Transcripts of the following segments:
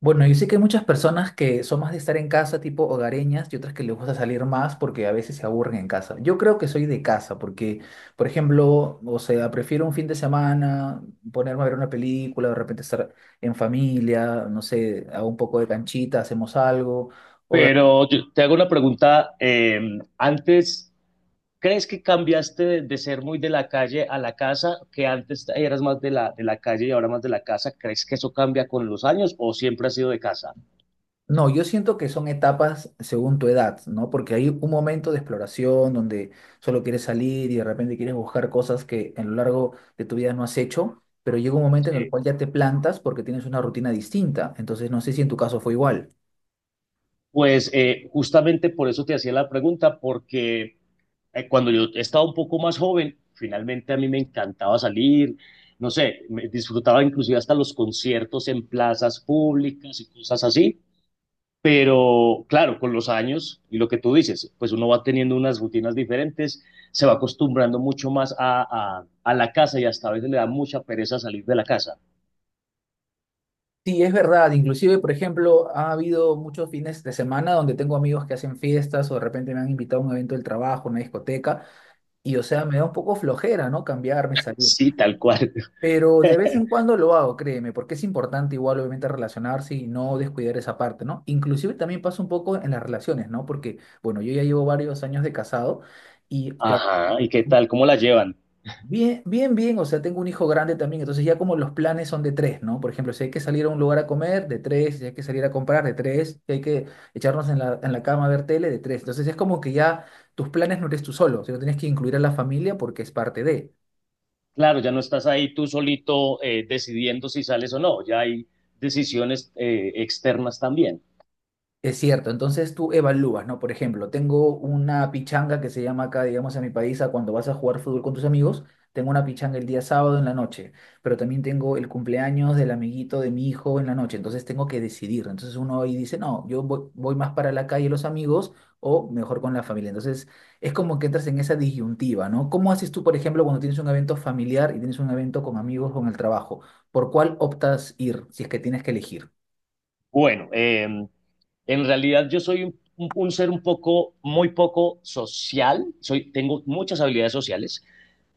Bueno, yo sé que hay muchas personas que son más de estar en casa, tipo hogareñas, y otras que les gusta salir más porque a veces se aburren en casa. Yo creo que soy de casa porque, por ejemplo, o sea, prefiero un fin de semana ponerme a ver una película, de repente estar en familia, no sé, hago un poco de canchita, hacemos algo. Pero yo te hago una pregunta. Antes, ¿crees que cambiaste de ser muy de la calle a la casa? Que antes eras más de la calle y ahora más de la casa. ¿Crees que eso cambia con los años o siempre has sido de casa? No, yo siento que son etapas según tu edad, ¿no? Porque hay un momento de exploración donde solo quieres salir y de repente quieres buscar cosas que en lo largo de tu vida no has hecho, pero llega un momento en el Sí. cual ya te plantas porque tienes una rutina distinta. Entonces, no sé si en tu caso fue igual. Pues justamente por eso te hacía la pregunta, porque cuando yo estaba un poco más joven, finalmente a mí me encantaba salir, no sé, me disfrutaba inclusive hasta los conciertos en plazas públicas y cosas así. Pero claro, con los años y lo que tú dices, pues uno va teniendo unas rutinas diferentes, se va acostumbrando mucho más a la casa y hasta a veces le da mucha pereza salir de la casa. Sí, es verdad. Inclusive, por ejemplo, ha habido muchos fines de semana donde tengo amigos que hacen fiestas o de repente me han invitado a un evento del trabajo, una discoteca, y o sea, me da un poco flojera, ¿no? Cambiarme, salir. Sí, tal cual. Pero de vez en cuando lo hago, créeme, porque es importante igual obviamente relacionarse y no descuidar esa parte, ¿no? Inclusive también pasa un poco en las relaciones, ¿no? Porque, bueno, yo ya llevo varios años de casado y, claro, Ajá, ¿y qué tal? ¿Cómo la llevan? bien, bien, bien, o sea, tengo un hijo grande también, entonces ya como los planes son de tres, ¿no? Por ejemplo, si hay que salir a un lugar a comer, de tres, si hay que salir a comprar, de tres, si hay que echarnos en la cama a ver tele, de tres. Entonces es como que ya tus planes no eres tú solo, sino tienes que incluir a la familia porque es parte de. Claro, ya no estás ahí tú solito, decidiendo si sales o no, ya hay decisiones externas también. Es cierto, entonces tú evalúas, ¿no? Por ejemplo, tengo una pichanga que se llama acá, digamos, en mi país, a cuando vas a jugar fútbol con tus amigos, tengo una pichanga el día sábado en la noche, pero también tengo el cumpleaños del amiguito de mi hijo en la noche, entonces tengo que decidir. Entonces uno ahí dice, no, yo voy, voy más para la calle los amigos o mejor con la familia. Entonces es como que entras en esa disyuntiva, ¿no? ¿Cómo haces tú, por ejemplo, cuando tienes un evento familiar y tienes un evento con amigos, con el trabajo? ¿Por cuál optas ir si es que tienes que elegir? Bueno, en realidad yo soy un ser un poco, muy poco social, soy, tengo muchas habilidades sociales,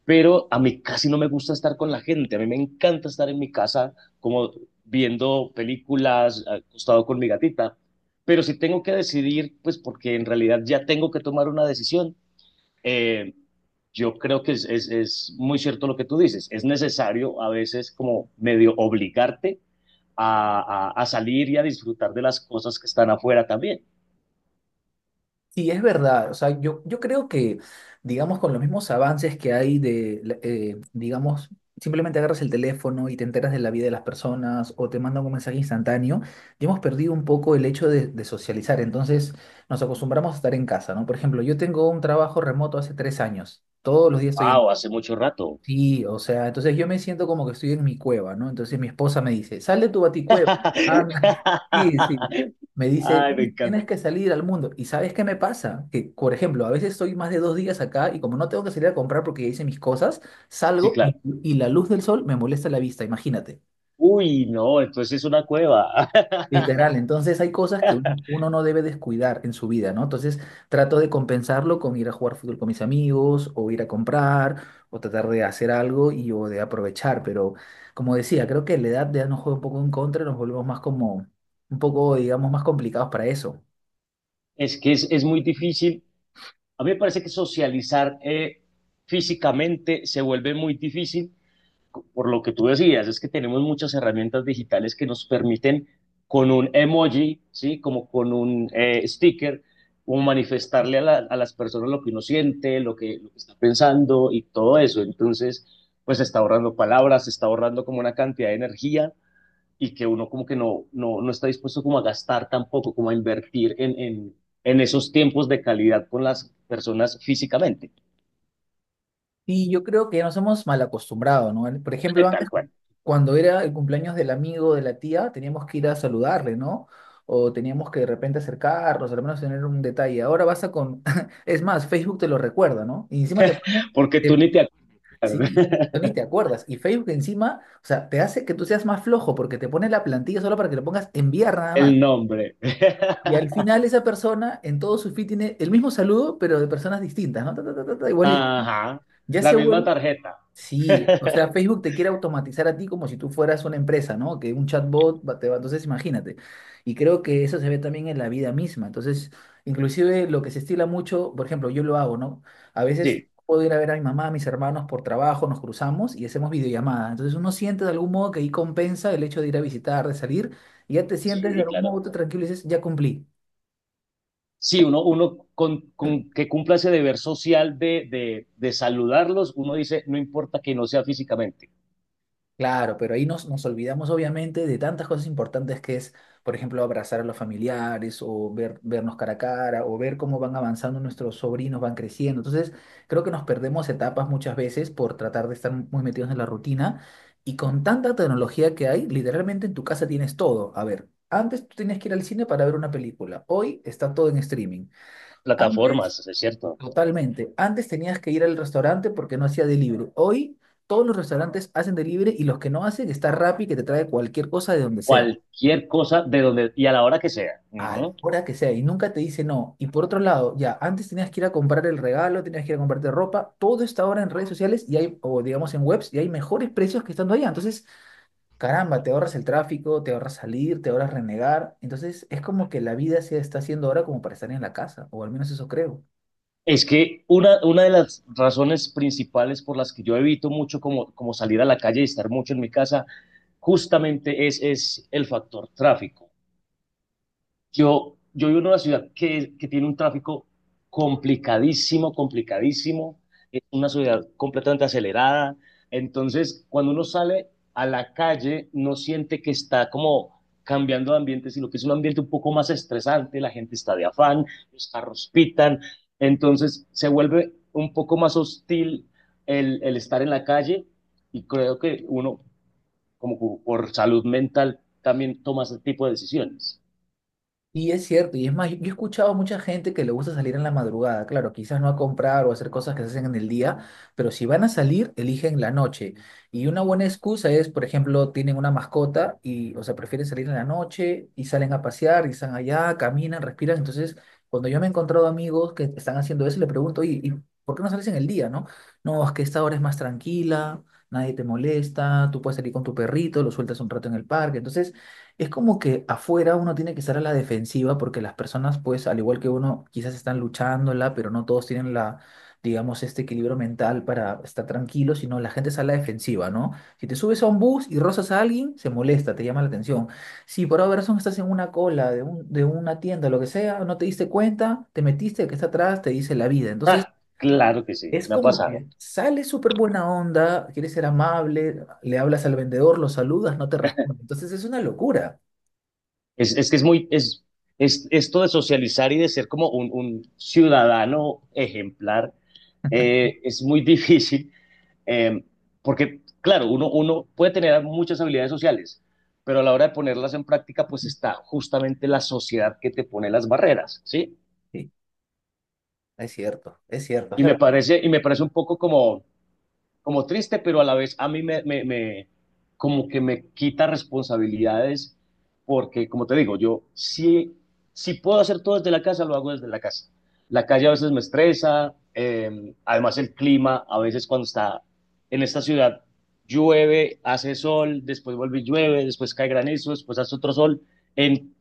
pero a mí casi no me gusta estar con la gente, a mí me encanta estar en mi casa, como viendo películas, acostado con mi gatita, pero si tengo que decidir, pues porque en realidad ya tengo que tomar una decisión, eh, yo creo que muy cierto lo que tú dices, es necesario a veces como medio obligarte a salir y a disfrutar de las cosas que están afuera también. Sí, es verdad. O sea, yo creo que, digamos, con los mismos avances que hay de, digamos, simplemente agarras el teléfono y te enteras de la vida de las personas o te mandan un mensaje instantáneo, ya hemos perdido un poco el hecho de socializar. Entonces, nos acostumbramos a estar en casa, ¿no? Por ejemplo, yo tengo un trabajo remoto hace tres años. Todos los días estoy. ¡Wow! Hace mucho rato. Sí, o sea, entonces yo me siento como que estoy en mi cueva, ¿no? Entonces mi esposa me dice, sal de tu baticueva, anda. Sí, sí. Me dice, Ay, me tienes encanta. que salir al mundo. ¿Y sabes qué me pasa? Que, por ejemplo, a veces estoy más de dos días acá y como no tengo que salir a comprar porque ya hice mis cosas, Sí, salgo claro. y la luz del sol me molesta la vista, imagínate. Uy, no, entonces es una cueva. Literal, entonces hay cosas que uno no debe descuidar en su vida, ¿no? Entonces trato de compensarlo con ir a jugar fútbol con mis amigos o ir a comprar o tratar de hacer algo y o de aprovechar, pero como decía, creo que la edad ya nos juega un poco en contra, nos volvemos más como un poco, digamos, más complicados para eso. Es que es muy difícil. A mí me parece que socializar físicamente se vuelve muy difícil por lo que tú decías, es que tenemos muchas herramientas digitales que nos permiten con un emoji, ¿sí? Como con un sticker, como manifestarle a, a las personas lo que uno siente, lo que está pensando y todo eso. Entonces, pues se está ahorrando palabras, se está ahorrando como una cantidad de energía y que uno como que no está dispuesto como a gastar tampoco, como a invertir en esos tiempos de calidad con las personas físicamente. Y yo creo que nos hemos mal acostumbrado, ¿no? Por ejemplo, antes, Tal cual, cuando era el cumpleaños del amigo de la tía, teníamos que ir a saludarle, ¿no? O teníamos que de repente acercarnos, al menos tener un detalle. Ahora vas a con... Es más, Facebook te lo recuerda, ¿no? Y encima te pone... porque tú te- ni te acuerdas Sí, tú ni te acuerdas. Y Facebook encima, o sea, te hace que tú seas más flojo porque te pone la plantilla solo para que le pongas enviar nada el más. nombre. Y al final esa persona en todo su feed tiene el mismo saludo, pero de personas distintas, ¿no? Ta, ta, ta, ta, ta, igualito. Ajá, Ya se la misma vuelve... tarjeta. Sí, o sea, Facebook te quiere automatizar a ti como si tú fueras una empresa, ¿no? Que un chatbot te va, entonces imagínate. Y creo que eso se ve también en la vida misma. Entonces, inclusive lo que se estila mucho, por ejemplo, yo lo hago, ¿no? A veces Sí, puedo ir a ver a mi mamá, a mis hermanos por trabajo, nos cruzamos y hacemos videollamada. Entonces uno siente de algún modo que ahí compensa el hecho de ir a visitar, de salir, y ya te sientes de sí, algún claro. modo tú tranquilo y dices, ya cumplí. Sí, uno con que cumpla ese deber social de saludarlos, uno dice, no importa que no sea físicamente. Claro, pero ahí nos olvidamos obviamente de tantas cosas importantes que es, por ejemplo, abrazar a los familiares o ver, vernos cara a cara o ver cómo van avanzando nuestros sobrinos, van creciendo. Entonces, creo que nos perdemos etapas muchas veces por tratar de estar muy metidos en la rutina y con tanta tecnología que hay, literalmente en tu casa tienes todo. A ver, antes tú tenías que ir al cine para ver una película, hoy está todo en streaming. Antes... Plataformas, es cierto. Totalmente. Antes tenías que ir al restaurante porque no hacía delivery. Hoy todos los restaurantes hacen delivery y los que no hacen está Rappi que te trae cualquier cosa de donde sea, Cualquier cosa de donde y a la hora que sea. a la Ujú. hora que sea y nunca te dice no. Y por otro lado, ya antes tenías que ir a comprar el regalo, tenías que ir a comprarte ropa, todo está ahora en redes sociales y hay, o digamos en webs, y hay mejores precios que estando allá. Entonces, caramba, te ahorras el tráfico, te ahorras salir, te ahorras renegar. Entonces, es como que la vida se está haciendo ahora como para estar en la casa, o al menos eso creo. Es que una de las razones principales por las que yo evito mucho, como, como salir a la calle y estar mucho en mi casa, justamente es el factor tráfico. Yo vivo en una ciudad que tiene un tráfico complicadísimo, complicadísimo, es una ciudad completamente acelerada, entonces cuando uno sale a la calle no siente que está como cambiando de ambiente, sino que es un ambiente un poco más estresante, la gente está de afán, los carros pitan, entonces se vuelve un poco más hostil el estar en la calle y creo que uno como por salud mental también toma ese tipo de decisiones. Y es cierto, y es más, yo he escuchado a mucha gente que le gusta salir en la madrugada, claro, quizás no a comprar o a hacer cosas que se hacen en el día, pero si van a salir, eligen la noche. Y una buena excusa es, por ejemplo, tienen una mascota y, o sea, prefieren salir en la noche y salen a pasear y están allá, caminan, respiran. Entonces, cuando yo me he encontrado amigos que están haciendo eso, le pregunto, oye, ¿y por qué no sales en el día, no? No, es que esta hora es más tranquila, nadie te molesta, tú puedes salir con tu perrito, lo sueltas un rato en el parque. Entonces... Es como que afuera uno tiene que estar a la defensiva porque las personas, pues, al igual que uno, quizás están luchándola, pero no todos tienen la, digamos, este equilibrio mental para estar tranquilos, sino la gente está a la defensiva, ¿no? Si te subes a un bus y rozas a alguien, se molesta, te llama la atención. Si por alguna razón estás en una cola de, de una tienda, lo que sea, no te diste cuenta, te metiste, el que está atrás te dice la vida. Entonces, Ah, claro que sí, es me ha como pasado. que sale súper buena onda, quieres ser amable, le hablas al vendedor, lo saludas, no te responde. Entonces, es una locura. Es que es muy, Es esto de socializar y de ser como un ciudadano ejemplar, es muy difícil, eh, porque claro, uno puede tener muchas habilidades sociales, pero a la hora de ponerlas en práctica, pues está justamente la sociedad que te pone las barreras, ¿sí? Sí, es cierto, es cierto, es la verdad. Y me parece un poco como, como triste, pero a la vez a mí me como que me quita responsabilidades, porque como te digo, yo sí, si puedo hacer todo desde la casa, lo hago desde la casa. La calle a veces me estresa, además el clima, a veces cuando está en esta ciudad, llueve, hace sol, después vuelve y llueve, después cae granizo, después hace otro sol. En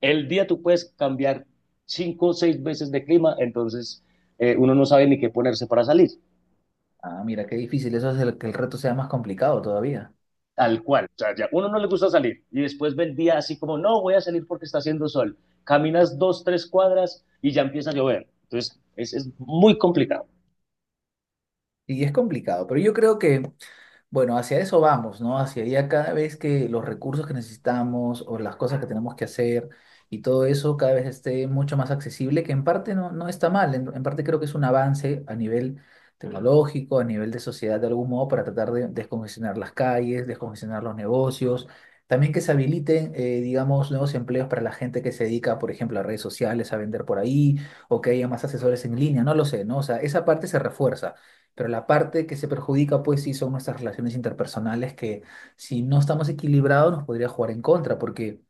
el día tú puedes cambiar cinco o seis veces de clima, entonces uno no sabe ni qué ponerse para salir. Ah, mira, qué difícil, eso hace que el reto sea más complicado todavía. Tal cual, o sea, ya uno no le gusta salir y después ve el día así como, no, voy a salir porque está haciendo sol. Caminas dos, tres cuadras y ya empieza a llover. Entonces, es muy complicado. Y es complicado, pero yo creo que bueno, hacia eso vamos, ¿no? Hacia allá cada vez que los recursos que necesitamos o las cosas que tenemos que hacer y todo eso cada vez esté mucho más accesible, que en parte no, no está mal, en parte creo que es un avance a nivel tecnológico, a nivel de sociedad de algún modo, para tratar de descongestionar las calles, descongestionar los negocios, también que se habiliten, digamos, nuevos empleos para la gente que se dedica, por ejemplo, a redes sociales, a vender por ahí, o que haya más asesores en línea, no lo sé, ¿no? O sea, esa parte se refuerza. Pero la parte que se perjudica, pues sí, son nuestras relaciones interpersonales que si no estamos equilibrados nos podría jugar en contra. Porque,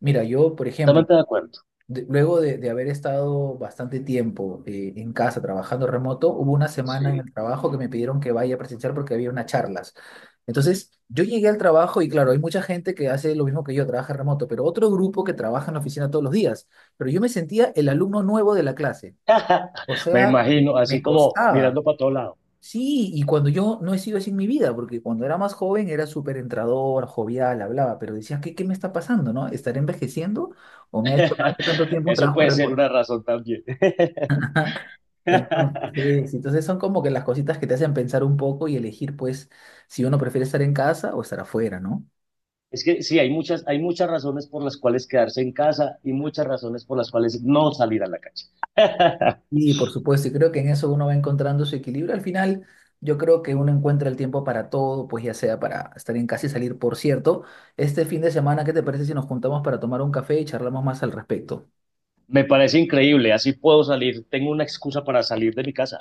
mira, yo, por ejemplo, Totalmente de acuerdo. Luego de haber estado bastante tiempo en casa trabajando remoto, hubo una semana en Sí. el trabajo que me pidieron que vaya a presenciar porque había unas charlas. Entonces, yo llegué al trabajo y claro, hay mucha gente que hace lo mismo que yo, trabaja remoto, pero otro grupo que trabaja en la oficina todos los días. Pero yo me sentía el alumno nuevo de la clase. O Me sea, me imagino, así me como costaba. mirando para todo lado. Sí, y cuando yo no he sido así en mi vida, porque cuando era más joven era súper entrador, jovial, hablaba, pero decía, ¿qué, qué me está pasando, no? ¿Estaré envejeciendo o me ha hecho tanto, tanto tiempo un Eso trabajo puede ser remoto? una razón también. Entonces, sí, sí, entonces son como que las cositas que te hacen pensar un poco y elegir, pues, si uno prefiere estar en casa o estar afuera, ¿no? Es que sí, hay muchas razones por las cuales quedarse en casa y muchas razones por las cuales no salir a la calle. Y por supuesto, y creo que en eso uno va encontrando su equilibrio. Al final, yo creo que uno encuentra el tiempo para todo, pues ya sea para estar en casa y salir. Por cierto, este fin de semana, ¿qué te parece si nos juntamos para tomar un café y charlamos más al respecto? Me parece increíble, así puedo salir, tengo una excusa para salir de mi casa.